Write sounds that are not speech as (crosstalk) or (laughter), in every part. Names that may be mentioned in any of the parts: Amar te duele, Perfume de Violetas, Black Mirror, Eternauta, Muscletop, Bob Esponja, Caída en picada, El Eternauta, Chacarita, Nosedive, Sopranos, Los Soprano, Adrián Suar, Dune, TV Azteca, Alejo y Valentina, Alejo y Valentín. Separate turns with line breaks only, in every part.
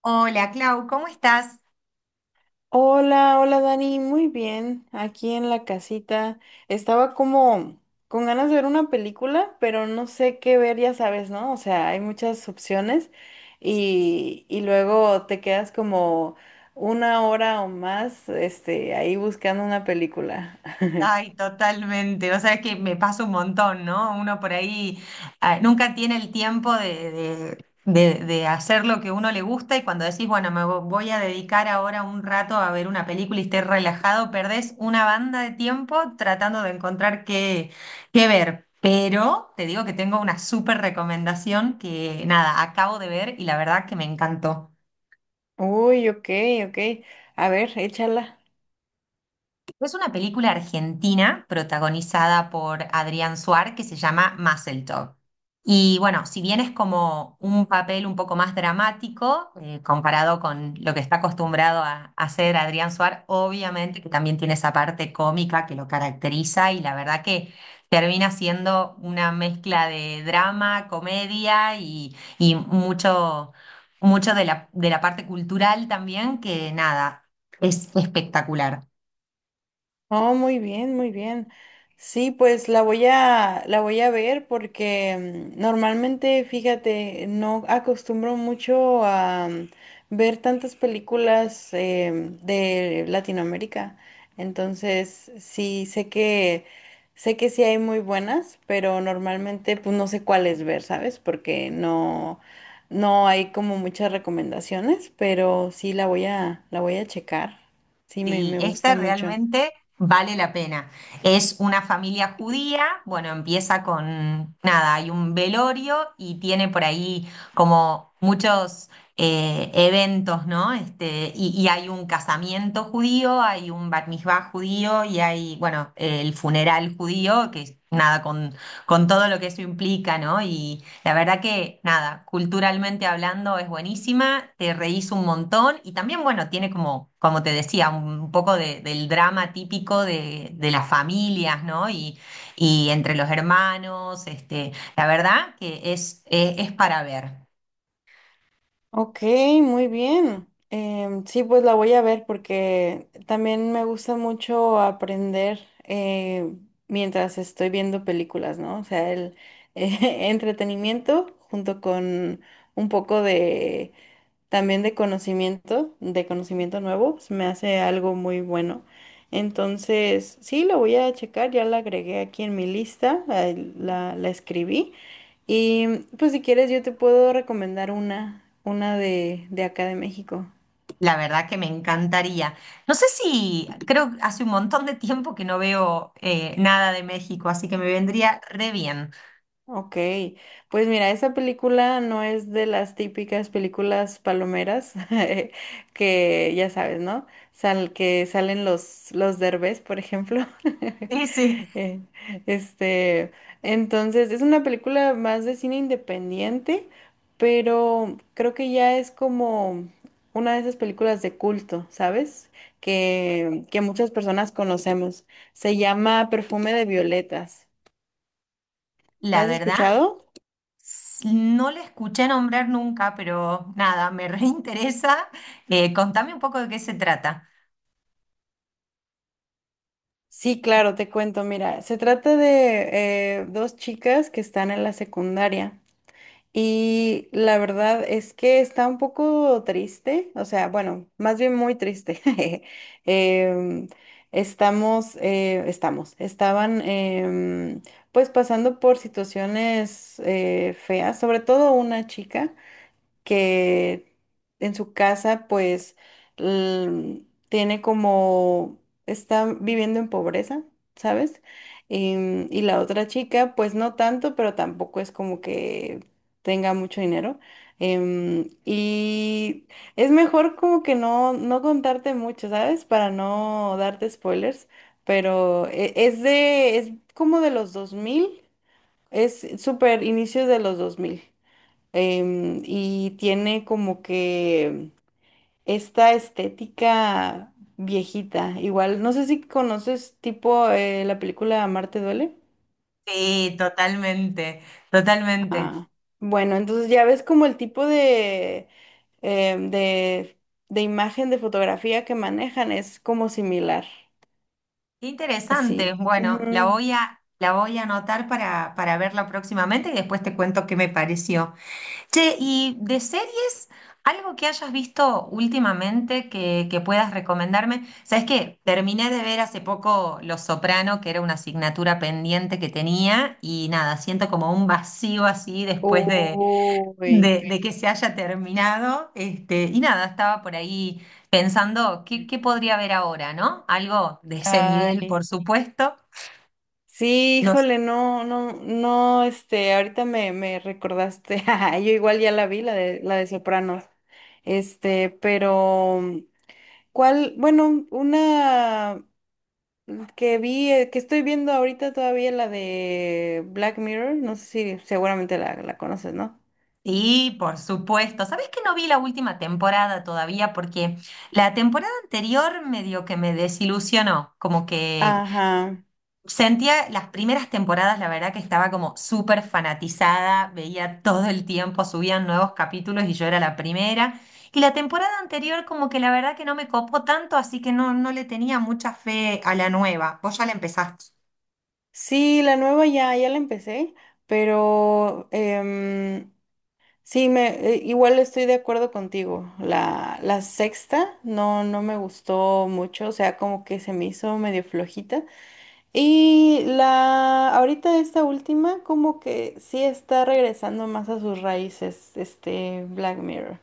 Hola, Clau, ¿cómo estás?
Hola, hola Dani, muy bien, aquí en la casita. Estaba como con ganas de ver una película, pero no sé qué ver, ya sabes, ¿no? O sea, hay muchas opciones y luego te quedas como una hora o más, ahí buscando una película. (laughs)
Ay, totalmente. O sea, es que me pasa un montón, ¿no? Uno por ahí nunca tiene el tiempo de hacer lo que uno le gusta y cuando decís, bueno, voy a dedicar ahora un rato a ver una película y esté relajado, perdés una banda de tiempo tratando de encontrar qué ver. Pero te digo que tengo una súper recomendación que, nada, acabo de ver y la verdad que me encantó.
Uy, ok, ok. A ver, échala.
Es una película argentina protagonizada por Adrián Suar que se llama Muscletop. Y bueno, si bien es como un papel un poco más dramático comparado con lo que está acostumbrado a hacer Adrián Suar, obviamente que también tiene esa parte cómica que lo caracteriza y la verdad que termina siendo una mezcla de drama, comedia y mucho de de la parte cultural también, que nada, es espectacular.
Oh, muy bien, muy bien. Sí, pues la voy a ver porque normalmente, fíjate, no acostumbro mucho a ver tantas películas de Latinoamérica. Entonces, sí, sé que sí hay muy buenas, pero normalmente pues no sé cuáles ver, ¿sabes? Porque no hay como muchas recomendaciones, pero sí la voy a checar. Sí,
Sí,
me gusta
esta
mucho.
realmente vale la pena. Es una familia judía, bueno, empieza con nada, hay un velorio y tiene por ahí como muchos eventos, ¿no? Este, y hay un casamiento judío, hay un bar mitzvah judío y hay, bueno, el funeral judío, que es nada con todo lo que eso implica, ¿no? La verdad que nada, culturalmente hablando es buenísima, te reís un montón y también, bueno, tiene como, como te decía, un poco del drama típico de las familias, ¿no? Y entre los hermanos, este, la verdad que es para ver.
Ok, muy bien. Sí, pues la voy a ver porque también me gusta mucho aprender eh, mientras estoy viendo películas, ¿no? O sea, el (laughs) entretenimiento junto con un poco de también de conocimiento nuevo, se me hace algo muy bueno. Entonces, sí, lo voy a checar, ya la agregué aquí en mi lista, ahí la escribí. Y pues si quieres yo te puedo recomendar una de acá de México.
La verdad que me encantaría. No sé si, creo que hace un montón de tiempo que no veo nada de México, así que me vendría re bien. (laughs)
Ok, pues mira, esa película no es de las típicas películas palomeras (laughs) que ya sabes, ¿no? Que salen los Derbez, por ejemplo. (laughs)
Sí, sí.
Eh, Este, entonces, es una película más de cine independiente, pero creo que ya es como una de esas películas de culto, ¿sabes? Que muchas personas conocemos. Se llama Perfume de Violetas. ¿La
La
has
verdad.
escuchado?
No le escuché nombrar nunca, pero nada, me (laughs) reinteresa. Contame un poco de qué se trata.
Sí, claro, te cuento. Mira, se trata de dos chicas que están en la secundaria y la verdad es que está un poco triste, o sea, bueno, más bien muy triste. (laughs) Em, estaban pues pasando por situaciones feas, sobre todo una chica que en su casa pues l- tiene como, está viviendo en pobreza, ¿sabes? Y la otra chica pues no tanto, pero tampoco es como que tenga mucho dinero. Y es mejor como que no contarte mucho, ¿sabes? Para no darte spoilers, pero es como de los dos mil, es súper inicios de los dos mil, y tiene como que esta estética viejita. Igual, no sé si conoces tipo la película Amar te duele.
Sí, totalmente, totalmente.
Ah, bueno, entonces ya ves como el tipo de, em, de imagen, de fotografía que manejan es como similar,
Qué interesante.
así.
Bueno, la
Ujú.
voy la voy a anotar para verla próximamente y después te cuento qué me pareció. Che, y de series, algo que hayas visto últimamente que puedas recomendarme. ¿Sabes qué? Terminé de ver hace poco Los Soprano, que era una asignatura pendiente que tenía, y nada, siento como un vacío así después
Uy,
de que se haya terminado. Este, y nada, estaba por ahí pensando qué podría ver ahora, ¿no? Algo de ese nivel,
ay,
por supuesto.
Sí,
No.
híjole, no, no, no, ahorita me recordaste. (laughs) Ajá, yo igual ya la vi, la de Sopranos, este, pero, ¿cuál? Bueno, una que vi, que estoy viendo ahorita todavía, la de Black Mirror, no sé si seguramente la conoces, ¿no?
Sí, por supuesto. ¿Sabes que no vi la última temporada todavía? Porque la temporada anterior medio que me desilusionó, como que
Ajá,
sentía las primeras temporadas, la verdad que estaba como súper fanatizada, veía todo el tiempo, subían nuevos capítulos y yo era la primera. Y la temporada anterior como que la verdad que no me copó tanto, así que no, no le tenía mucha fe a la nueva. Vos ya la empezaste.
sí, la nueva ya la empecé, pero, em, sí, igual estoy de acuerdo contigo. La sexta no me gustó mucho, o sea, como que se me hizo medio flojita. Ahorita esta última, como que sí está regresando más a sus raíces, este Black Mirror.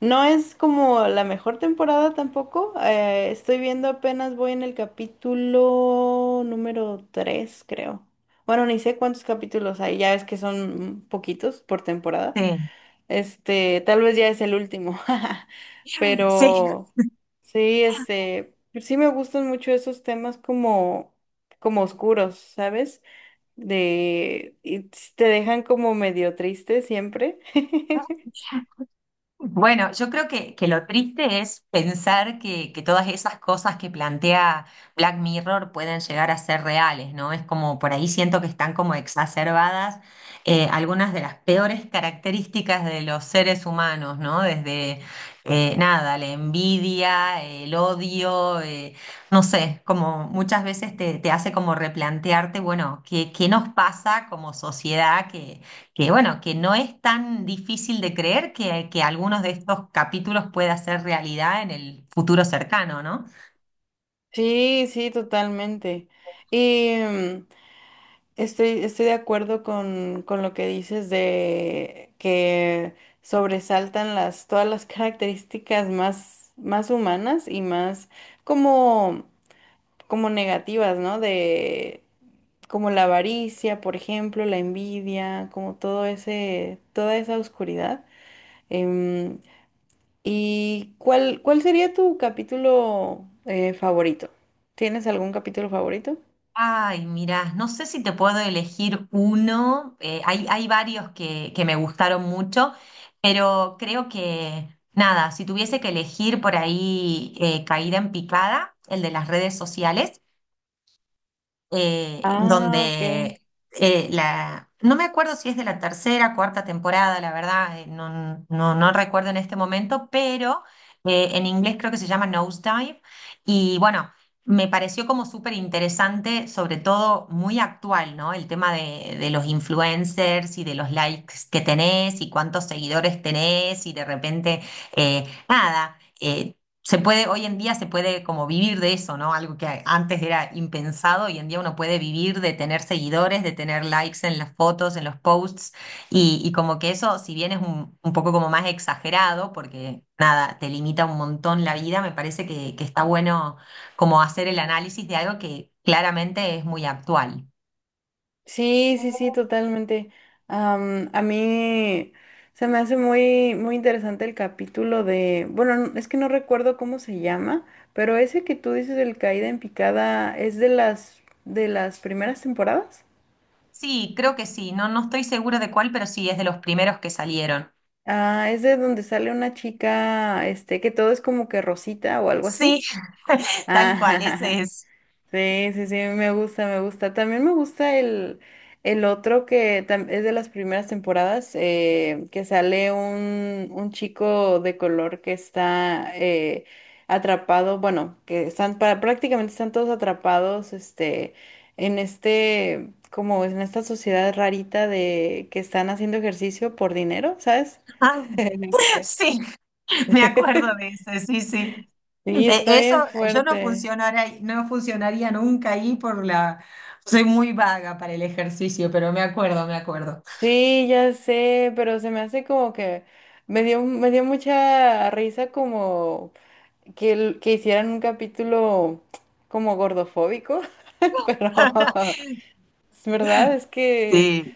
No es como la mejor temporada tampoco. Estoy viendo apenas, voy en el capítulo número 3 creo. Bueno, ni sé cuántos capítulos hay, ya ves que son poquitos por temporada.
Sí.
Tal vez ya es el último, (laughs)
(laughs)
pero sí, sí me gustan mucho esos temas como como oscuros, ¿sabes? Te dejan como medio triste siempre. (laughs)
Sí. Bueno, yo creo que lo triste es pensar que todas esas cosas que plantea Black Mirror pueden llegar a ser reales, ¿no? Es como por ahí siento que están como exacerbadas algunas de las peores características de los seres humanos, ¿no? Desde nada, la envidia, el odio, no sé, como muchas veces te hace como replantearte, bueno, ¿ qué nos pasa como sociedad que bueno, que no es tan difícil de creer que algunos de estos capítulos pueda ser realidad en el futuro cercano, ¿no?
Sí, sí, totalmente. Y estoy de acuerdo con lo que dices de que sobresaltan todas las características más, más humanas y más como como negativas, ¿no? De como la avaricia, por ejemplo, la envidia, como todo ese, toda esa oscuridad. Em, ¿Y cuál sería tu capítulo favorito? ¿Tienes algún capítulo favorito?
Ay, mira, no sé si te puedo elegir uno. Hay, hay varios que me gustaron mucho, pero creo que, nada, si tuviese que elegir por ahí Caída en picada, el de las redes sociales,
Ah, ok.
donde la, no me acuerdo si es de la tercera, cuarta temporada, la verdad, no, no, no recuerdo en este momento, pero en inglés creo que se llama Nosedive. Y bueno, me pareció como súper interesante, sobre todo muy actual, ¿no? El tema de los influencers y de los likes que tenés y cuántos seguidores tenés y de repente, nada. Se puede, hoy en día se puede como vivir de eso, ¿no? Algo que antes era impensado, hoy en día uno puede vivir de tener seguidores, de tener likes en las fotos, en los posts, y como que eso, si bien es un poco como más exagerado, porque nada, te limita un montón la vida, me parece que está bueno como hacer el análisis de algo que claramente es muy actual.
Sí, sí, sí, totalmente. Am, a mí se me hace muy, muy interesante el capítulo de, bueno, es que no recuerdo cómo se llama, pero ese que tú dices del caída en picada es de las primeras temporadas.
Sí, creo que sí, no, no estoy segura de cuál, pero sí, es de los primeros que salieron.
Ah, es de donde sale una chica, que todo es como que rosita o algo
Sí,
así.
(laughs) tal cual, ese
Ah,
es.
(laughs) sí, sí, sí, me gusta, me gusta. También me gusta el otro que es de las primeras temporadas, que sale un chico de color que está atrapado, bueno, que están prácticamente están todos atrapados, en este, como en esta sociedad rarita de que están haciendo ejercicio por dinero, ¿sabes?
(laughs) sí. (laughs) Me acuerdo de
(laughs)
eso, sí, sí.
Sí, está
Eso
bien
yo no
fuerte.
funcionaría, no funcionaría nunca ahí por la... Soy muy vaga para el ejercicio, pero me acuerdo, me acuerdo.
Sí, ya sé, pero se me hace como que me dio mucha risa como que hicieran un capítulo como gordofóbico, (laughs) pero
(laughs)
(laughs) es verdad, es que
Sí,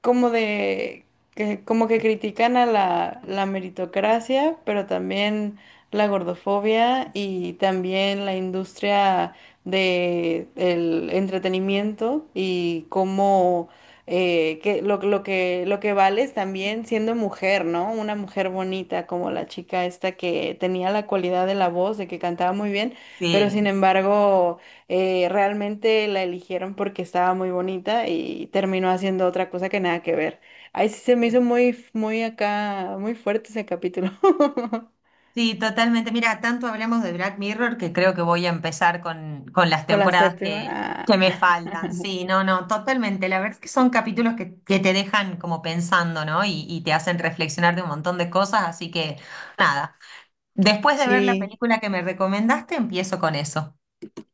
como de que como que critican a la meritocracia, pero también la gordofobia y también la industria de el entretenimiento y cómo lo que vale es también siendo mujer, ¿no? Una mujer bonita como la chica esta que tenía la cualidad de la voz, de que cantaba muy bien, pero sin
sí.
embargo realmente la eligieron porque estaba muy bonita y terminó haciendo otra cosa que nada que ver. Ahí sí se me
Sí.
hizo muy, muy acá, muy fuerte ese capítulo. (laughs)
Sí, totalmente. Mira, tanto hablamos de Black Mirror que creo que voy a empezar con las
Con la
temporadas
séptima. Ah,
que me faltan. Sí, no, no, totalmente. La verdad es que son capítulos que te dejan como pensando, ¿no? Y te hacen reflexionar de un montón de cosas, así que nada. Después de ver la
sí.
película que me recomendaste, empiezo con eso.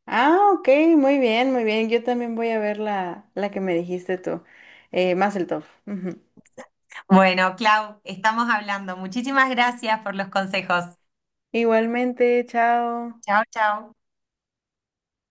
Ah, ok, muy bien, muy bien. Yo también voy a ver la que me dijiste tú. Mazel Tov. Ujú.
Bueno, Clau, estamos hablando. Muchísimas gracias por los consejos.
Igualmente, chao.
Chao, chao.